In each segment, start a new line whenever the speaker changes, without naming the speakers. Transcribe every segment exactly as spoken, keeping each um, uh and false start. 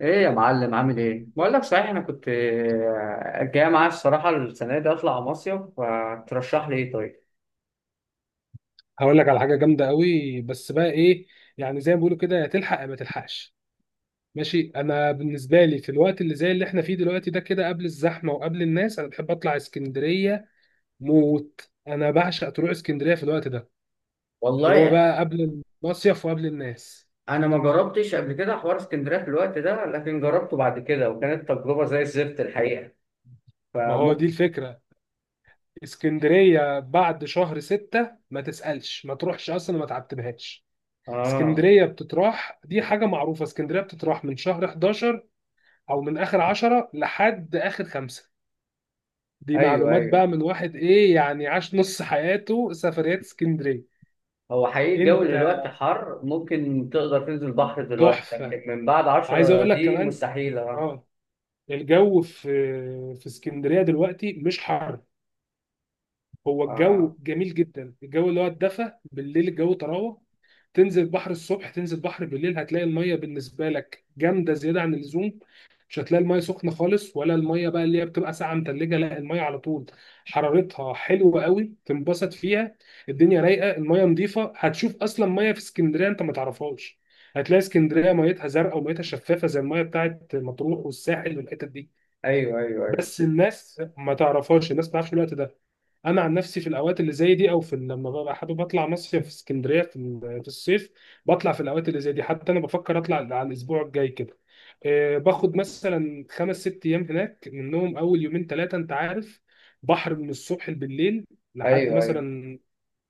ايه يا معلم عامل ايه؟ بقول لك صحيح انا كنت آه، جاي معايا الصراحه السنه دي اطلع مصيف، فترشح لي ايه طيب؟
هقول لك على حاجه جامده قوي، بس بقى ايه. يعني زي ما بيقولوا كده، يا تلحق يا ما تلحقش. ماشي، انا بالنسبه لي في الوقت اللي زي اللي احنا فيه دلوقتي ده، كده قبل الزحمه وقبل الناس، انا بحب اطلع اسكندريه موت. انا بعشق تروح اسكندريه في الوقت ده، اللي هو
والله
بقى قبل المصيف وقبل الناس.
انا ما جربتش قبل كده حوار اسكندريه في الوقت ده، لكن جربته بعد كده وكانت تجربه زي الزفت الحقيقه،
ما هو دي
فممكن.
الفكره. اسكندريه بعد شهر ستة ما تسالش، ما تروحش اصلا، ما تعتبهاش.
اه،
اسكندريه بتتراح، دي حاجه معروفه. اسكندريه بتتراح من شهر حداشر، او من اخر عشرة لحد اخر خمسة. دي
ايوه
معلومات
ايوه.
بقى من واحد ايه يعني، عاش نص حياته سفريات اسكندريه.
هو حقيقي الجو
انت
دلوقتي حر، ممكن تقدر تنزل بحر دلوقتي،
تحفه.
لكن من بعد
عايز
عشرة
اقول لك
دي
كمان
مستحيله. اه.
اه، الجو في في اسكندريه دلوقتي مش حر. هو
آه.
الجو جميل جدا، الجو اللي هو الدفى بالليل، الجو طراوه. تنزل بحر الصبح، تنزل بحر بالليل، هتلاقي الميه بالنسبه لك جامده زياده عن اللزوم. مش هتلاقي الميه سخنه خالص، ولا الميه بقى اللي هي بتبقى ساقعه متلجه، لا الميه على طول حرارتها حلوه قوي، تنبسط فيها. الدنيا رايقه، الميه نظيفه، هتشوف اصلا ميه في اسكندريه انت ما تعرفهاش. هتلاقي اسكندريه ميتها زرقاء وميتها شفافه زي الميه بتاعت مطروح والساحل والحتت دي.
ايوه ايوه ايوه
بس الناس ما تعرفهاش، الناس ما تعرفش الوقت ده. انا عن نفسي في الاوقات اللي زي دي، او في لما ببقى حابب اطلع مصيف في اسكندريه في ال- في الصيف، بطلع في الاوقات اللي زي دي. حتى انا بفكر اطلع على الاسبوع الجاي كده. آه، باخد مثلا خمس ست ايام هناك، منهم اول يومين ثلاثه انت عارف بحر من الصبح بالليل، لحد
ايوه أيوه.
مثلا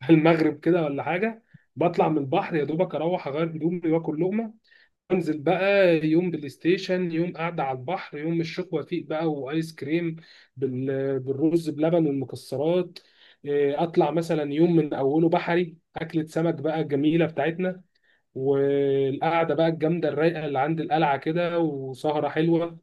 المغرب كده ولا حاجه. بطلع من البحر يا دوبك اروح اغير هدومي واكل لقمه، انزل بقى يوم بلاي ستيشن، يوم قاعده على البحر، يوم الشيخ وفيق بقى وايس كريم بال- بالرز بلبن والمكسرات. إيه، اطلع مثلا يوم من اوله بحري اكله سمك بقى الجميله بتاعتنا، والقعده بقى الجامده الرايقه اللي عند القلعه كده، وسهره حلوه.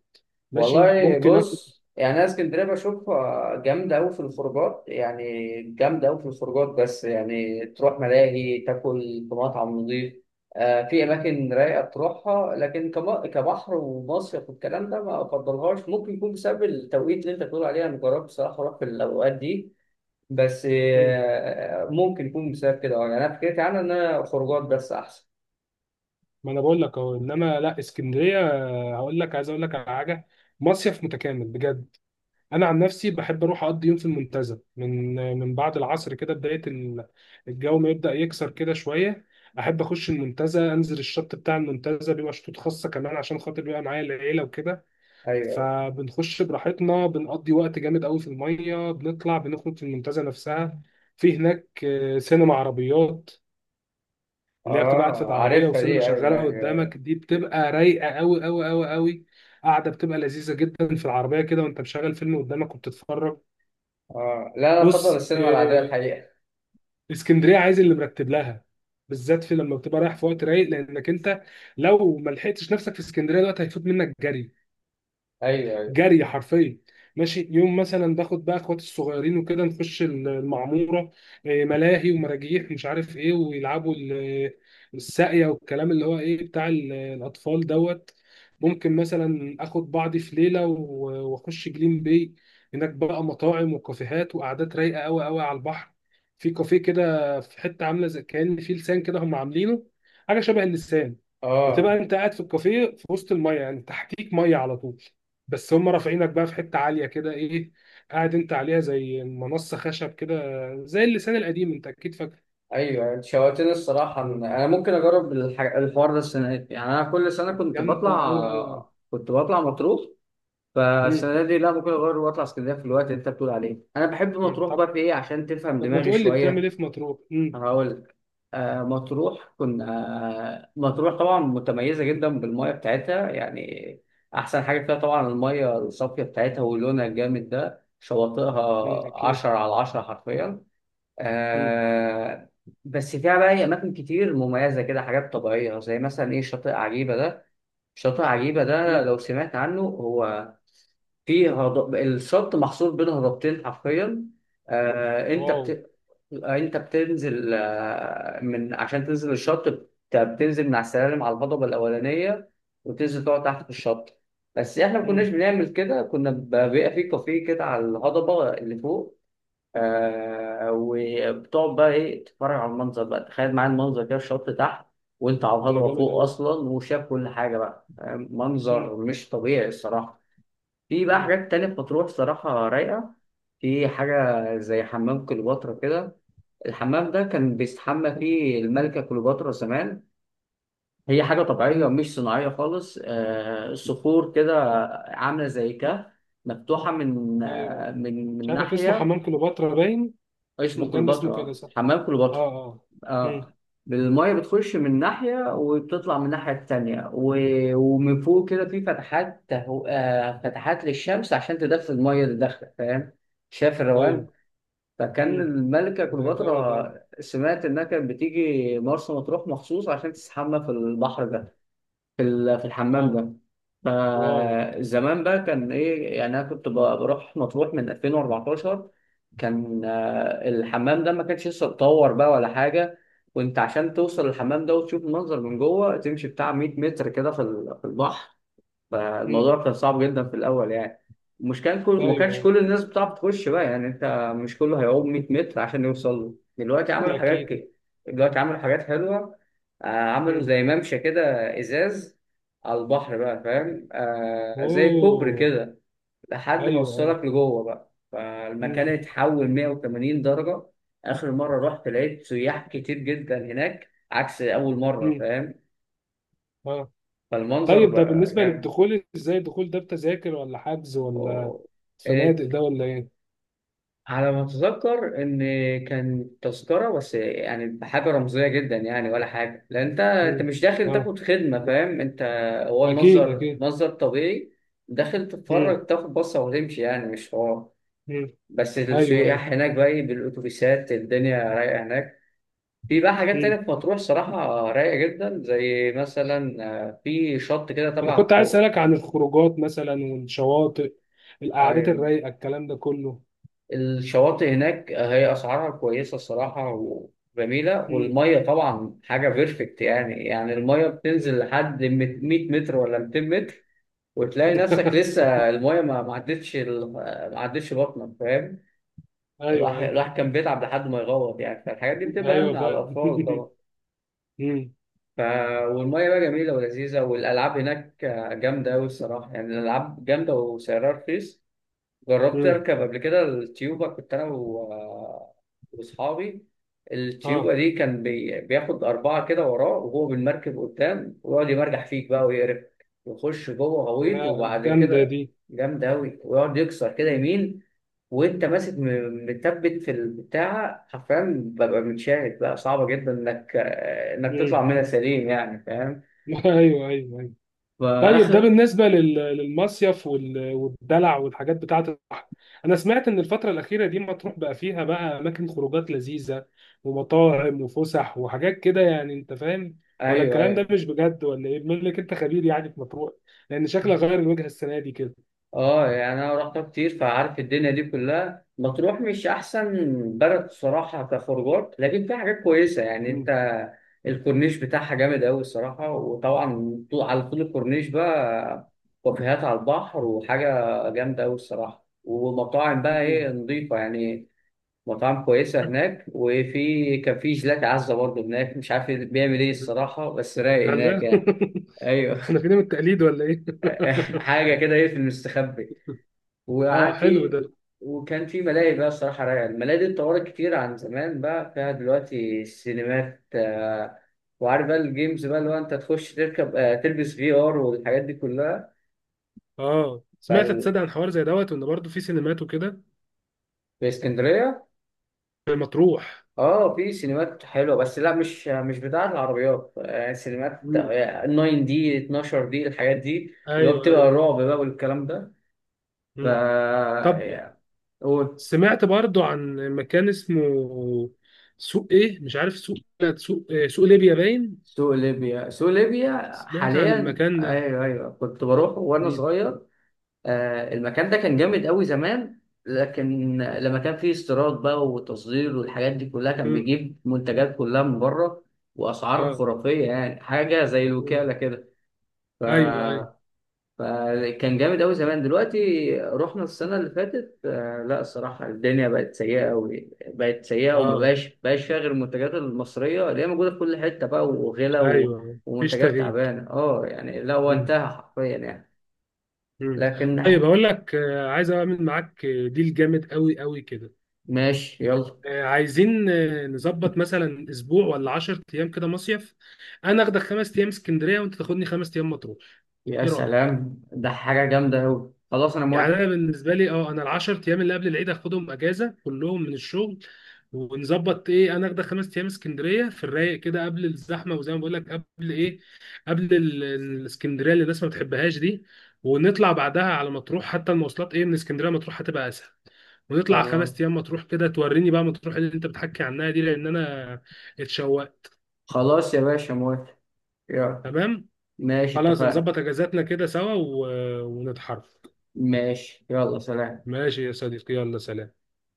ماشي
والله،
ممكن اخد.
بص يعني انا اسكندريه بشوفها جامده قوي في الخروجات، يعني جامده قوي في الخروجات، بس يعني تروح ملاهي تاكل في مطعم نظيف. آه في اماكن رايقه تروحها، لكن كم- كبحر ومصيف والكلام ده ما افضلهاش. ممكن يكون بسبب التوقيت اللي انت بتقول عليه، انا جربت بصراحه اروح في الاوقات دي، بس
مم.
آه ممكن يكون بسبب كده. يعني انا فكرتي عنها ان انا خروجات بس احسن.
ما انا بقول لك اهو، انما لا، اسكندريه آه، هقول لك، عايز اقول لك على حاجه، مصيف متكامل بجد. انا عن نفسي بحب اروح اقضي يوم في المنتزه من من بعد العصر كده، بدايه ال- الجو ما يبدا يكسر كده شويه. احب اخش المنتزه، انزل الشط بتاع المنتزه، بيبقى شطوط خاصه كمان عشان خاطر بيبقى معايا العيله وكده.
ايوه أيوة.
فبنخش براحتنا، بنقضي وقت جامد قوي في الميه، بنطلع بنخرج في المنتزه نفسها. في هناك آه، سينما عربيات، اللي هي بتبقى قاعد في
اه،
العربيه
عارفها
وسينما
دي، ايوه
شغاله
ايوه.
قدامك، دي بتبقى رايقه قوي قوي قوي قوي. قاعده بتبقى لذيذه جدا في العربيه كده وانت مشغل فيلم قدامك وبتتفرج.
اه، لا انا افضل
بص
السينما العاديه
إيه،
الحقيقه.
اسكندريه عايز اللي مرتب لها، بالذات في لما بتبقى رايح في وقت رايق، لانك انت لو ما لحقتش نفسك في اسكندريه دلوقتي هيفوت منك جري،
ايوه ايوه
جري حرفيا. ماشي يوم مثلا باخد بقى اخواتي الصغيرين وكده، نخش المعموره. إيه، ملاهي ومراجيح مش عارف ايه، ويلعبوا ال- الساقيه والكلام اللي هو ايه بتاع ال- الاطفال دوت. ممكن مثلا اخد بعضي في ليله و- واخش جليم باي، هناك بقى مطاعم وكافيهات وقعدات رايقه قوي قوي على البحر. في كافيه كده في حته عامله زي كان في لسان كده، هم عاملينه حاجه شبه اللسان. بتبقى
اه.
انت قاعد في الكافيه في وسط الميه، يعني تحتيك ميه على طول، بس هم رافعينك بقى في حته عاليه كده ايه، قاعد انت عليها زي منصه خشب كده، زي اللسان القديم انت اكيد فاكر.
ايوه، أنت شوقتني الصراحه إن
مم.
انا ممكن اجرب الح- الحوار ده السنه دي. يعني انا كل سنه كنت
جامده
بطلع
قوي قوي قوي.
كنت بطلع مطروح،
مم.
فالسنه دي لا، ممكن اجرب واطلع اسكندريه في الوقت اللي انت بتقول عليه. انا بحب
مم.
مطروح بقى
طب،
في ايه، عشان تفهم
طب ما
دماغي
تقول لي بتعمل ايه
شويه.
في مطروح. مم.
هقول لك. آه مطروح كنا، آه مطروح طبعا متميزه جدا بالميه بتاعتها يعني. احسن حاجه فيها طبعا الميه الصافيه بتاعتها ولونها الجامد ده،
مم.
شواطئها
اكيد.
عشرة على عشرة حرفيا.
مم.
آه بس فيها بقى هي أماكن كتير مميزة كده، حاجات طبيعية زي مثلا إيه شاطئ عجيبة ده. شاطئ عجيبة ده
مم.
لو سمعت عنه، هو فيه هضب، الشط محصور بين هضبتين حرفيا. آه أنت
واو.
بت... أنت بتنزل آه، من عشان تنزل الشط، بت- بتنزل من على السلالم على الهضبة الأولانية، وتنزل تقعد تحت في الشط. بس إحنا ما كناش
مم.
بنعمل كده، كنا ب- بيبقى فيه كافيه كده على الهضبة اللي فوق. آه وبتقعد بقى ايه تتفرج على المنظر بقى، تخيل معايا المنظر كده، الشط تحت وانت على
ده
الهضبه
جامد
فوق
قوي.
اصلا، وشاف كل حاجه بقى، آه،
مم.
منظر مش طبيعي الصراحه. في بقى
مم.
حاجات تانية في مطروح صراحه رايقه. في حاجه زي حمام كليوباترا كده. الحمام ده كان بيستحمى فيه الملكه كليوباترا زمان. هي حاجه طبيعيه
مم.
مش صناعيه خالص، آه صخور كده، عامله زي كهف، مفتوحه من
ايوه،
آه من
مش
من
عارف اسمه
ناحيه.
حمام كليوباترا باين.
اسمه
المكان ده اسمه كده
كليوباترا،
صح.
حمام
اه
كليوباترا.
اه.
اه.
مم.
المية بتخش من ناحية وبتطلع من الناحية التانية، و- ومن فوق كده في فتحات تهو... آه فتحات للشمس عشان تدخل المية اللي داخلة، فاهم؟ شايف
ايوه.
الروان. فكان
مم.
الملكة
ده جامد قوي.
كليوباترا، سمعت إنها كانت بتيجي مرسى مطروح مخصوص عشان تستحمى في البحر ده، في ال- في
اه.
الحمام ده.
واو.
فزمان بقى كان ايه يعني، انا كنت ب- بروح مطروح من ألفين وأربعتاشر. كان آه، الحمام ده ما كانش لسه اتطور بقى ولا حاجه. وانت عشان توصل الحمام ده وتشوف المنظر من جوه، تمشي بتاع 100 متر كده في ال- في البحر.
مم.
فالموضوع كان صعب جدا في الاول يعني. مش كان كل
ايوه
ما كانش
أيوه.
كل الناس بتعرف تخش بقى، يعني انت مش كله هيعوم 100 متر عشان يوصل له. دلوقتي
ده
عملوا حاجات
اكيد.
كده، دلوقتي عملوا حاجات حلوه. آه، عملوا زي ممشى كده، ازاز، على البحر بقى فاهم؟ آه زي كوبري
اوه.
كده لحد ما
ايوه ايوه.
وصلك لجوه بقى، فالمكان
مم.
اتحول 180 درجه. اخر مره رحت لقيت سياح كتير جدا هناك عكس اول مره،
مم.
فاهم؟
اه.
فالمنظر
طيب ده
بقى
بالنسبه
جامد.
للدخول ازاي؟ الدخول ده بتذاكر ولا حجز، ولا
و-
فنادق ده ولا ايه؟
على ما اتذكر ان كان تذكره، بس يعني بحاجه رمزيه جدا يعني، ولا حاجه، لان انت انت
مم.
مش داخل
اه.
تاخد خدمه، فاهم انت؟ هو
اكيد
المصدر،
اكيد.
مصدر طبيعي. داخل
مم.
تتفرج تاخد بصه وتمشي، يعني مش حوار.
مم.
بس
ايوه ايوه.
السياح هناك بقى إيه بالاتوبيسات، الدنيا رايقه هناك. في بقى حاجات تانية
مم.
في مطروح صراحه رايقه جدا، زي مثلا آه، في شط كده
انا
تبع
كنت عايز
فوق.
اسالك عن الخروجات مثلا، والشواطئ، القعدات الرايقه، الكلام ده كله.
الشواطئ هناك هي أسعارها كويسة الصراحة وجميلة،
مم.
والمية طبعا حاجة بيرفكت. يعني يعني المية بتنزل
مم.
لحد 100 متر ولا 200 متر، وتلاقي نفسك لسه المية ما ما عدتش ال- ما عدتش بطنك، فاهم؟
ايوه
الواحد
ايوه.
الواحد كان بيتعب لحد ما يغوط يعني، فالحاجات دي بتبقى
ايوه
أمن على
فعلا
الأطفال طبعا.
مم.
ف... والمية بقى جميلة ولذيذة، والألعاب هناك جامدة أوي الصراحة. يعني الألعاب جامدة وسعرها رخيص. جربت
مم.
اركب قبل كده التيوبا، كنت انا و- واصحابي.
اه،
التيوبا دي كان بي... بياخد اربعه كده وراه وهو بالمركب قدام، ويقعد يمرجح فيك بقى ويقرفك، يخش جوه غويط،
يا
وبعد
جامده
كده
دي.
جامد قوي، ويقعد يكسر كده
مم.
يمين، وانت ماسك م- متثبت في البتاعه حرفيا، ببقى متشاهد بقى صعبه جدا انك انك تطلع
مم.
منها سليم يعني، فاهم؟
ايوه ايوه. طيب ده
فاخر.
بالنسبة لل- للمصيف وال- والدلع والحاجات بتاعة البحر. أنا سمعت إن الفترة الأخيرة دي مطروح بقى فيها بقى أماكن خروجات لذيذة، ومطاعم وفسح وحاجات كده يعني أنت فاهم، ولا
ايوه
الكلام ده
ايوه.
مش بجد ولا إيه؟ بما إنك أنت خبير يعني في مطروح، لأن شكلها غير الوجهة السنة دي كده.
اه، يعني انا رحتها كتير فعارف الدنيا دي كلها. مطروح مش احسن بلد الصراحه كخروجات، لكن فيها حاجات كويسه يعني. انت
مم.
الكورنيش بتاعها جامد قوي الصراحه، وطبعا طو- على طول الكورنيش بقى كافيهات على البحر وحاجه جامده قوي الصراحه، ومطاعم بقى ايه
مم.
نظيفه يعني، مطاعم كويسه هناك. وفي كان في جيلاتي عزه برضه هناك، مش عارف بيعمل ايه الصراحه، بس رايق هناك
هلا
يعني. ايوه.
إحنا فينا من التقليد ولا إيه؟
حاجه كده ايه في المستخبي،
آه
وقعد
حلو
في.
ده.
وكان في ملاهي بقى الصراحة رايقة، الملاهي دي اتطورت كتير عن زمان، بقى فيها دلوقتي سينمات، آه، وعارف بقى الجيمز بقى اللي هو انت تخش تركب، آه، تلبس في ار والحاجات دي كلها.
آه سمعت
فال...
تصدق عن حوار زي دوت، وإن برضه في سينمات وكده
في اسكندرية.
في مطروح.
اه في سينمات حلوة، بس لا، مش مش بتاعة العربيات، آه، سينمات
مم.
تسعه دي اثنا عشر دي، الحاجات دي اللي هو
ايوه
بتبقى
ايوه.
الرعب بقى والكلام ده. ف
مم. طب
آه،
سمعت برضو عن مكان اسمه سوق ايه مش عارف سوق، لا، سوق إيه؟ سوق ليبيا باين،
سوق ليبيا، سوق ليبيا
سمعت عن
حاليا،
المكان ده.
ايوه ايوه كنت بروح وانا
مم.
صغير. آه المكان ده كان جامد قوي زمان، لكن لما كان فيه استيراد بقى وتصدير والحاجات دي كلها، كان
مم.
بيجيب منتجات كلها من بره، واسعار
اه.
خرافيه، يعني حاجه زي
مم.
الوكاله كده. ف
ايوه ايوه.
فكان جامد أوي زمان. دلوقتي رحنا السنة اللي فاتت، آه، لا الصراحة الدنيا بقت سيئة أوي، بقت سيئة، وما
اه.
بقاش بقاش فيها غير المنتجات المصرية اللي هي موجودة في كل حتة بقى وغلا
ايوه
و-
أيوه. مفيش
ومنتجات
تغيير.
تعبانة. اه يعني لا، هو
مم.
انتهى حرفيا يعني.
مم.
لكن
طيب هقول لك آه، عايز اعمل معاك آه، ديل جامد قوي قوي كده.
ماشي، يلا.
آه، عايزين آه، نظبط مثلا اسبوع ولا عشر ايام كده مصيف. انا اخدك خمس ايام اسكندريه، وانت تاخدني خمس ايام مطروح.
يا
ايه رايك؟
سلام، ده حاجة جامدة أوي، خلاص أنا
يعني
موافق.
انا بالنسبه لي اه، انا العشر ايام اللي قبل العيد هاخدهم اجازه كلهم من الشغل، ونظبط ايه، انا اخد خمس ايام اسكندريه في الرايق كده، قبل الزحمه وزي ما بقول لك قبل ايه، قبل ال- الاسكندريه اللي الناس ما بتحبهاش دي، ونطلع بعدها على مطروح. حتى المواصلات ايه من اسكندريه مطروح هتبقى اسهل. ونطلع
خلاص
خمس ايام مطروح كده، توريني بقى مطروح اللي انت بتحكي عنها دي، لان انا اتشوقت.
خلاص يا باشا، موافق. يلا،
تمام.
ماشي
خلاص
اتفقنا.
نظبط اجازاتنا كده سوا و... ونتحرك.
ماشي يلا سلام.
ماشي يا صديقي، يلا سلام.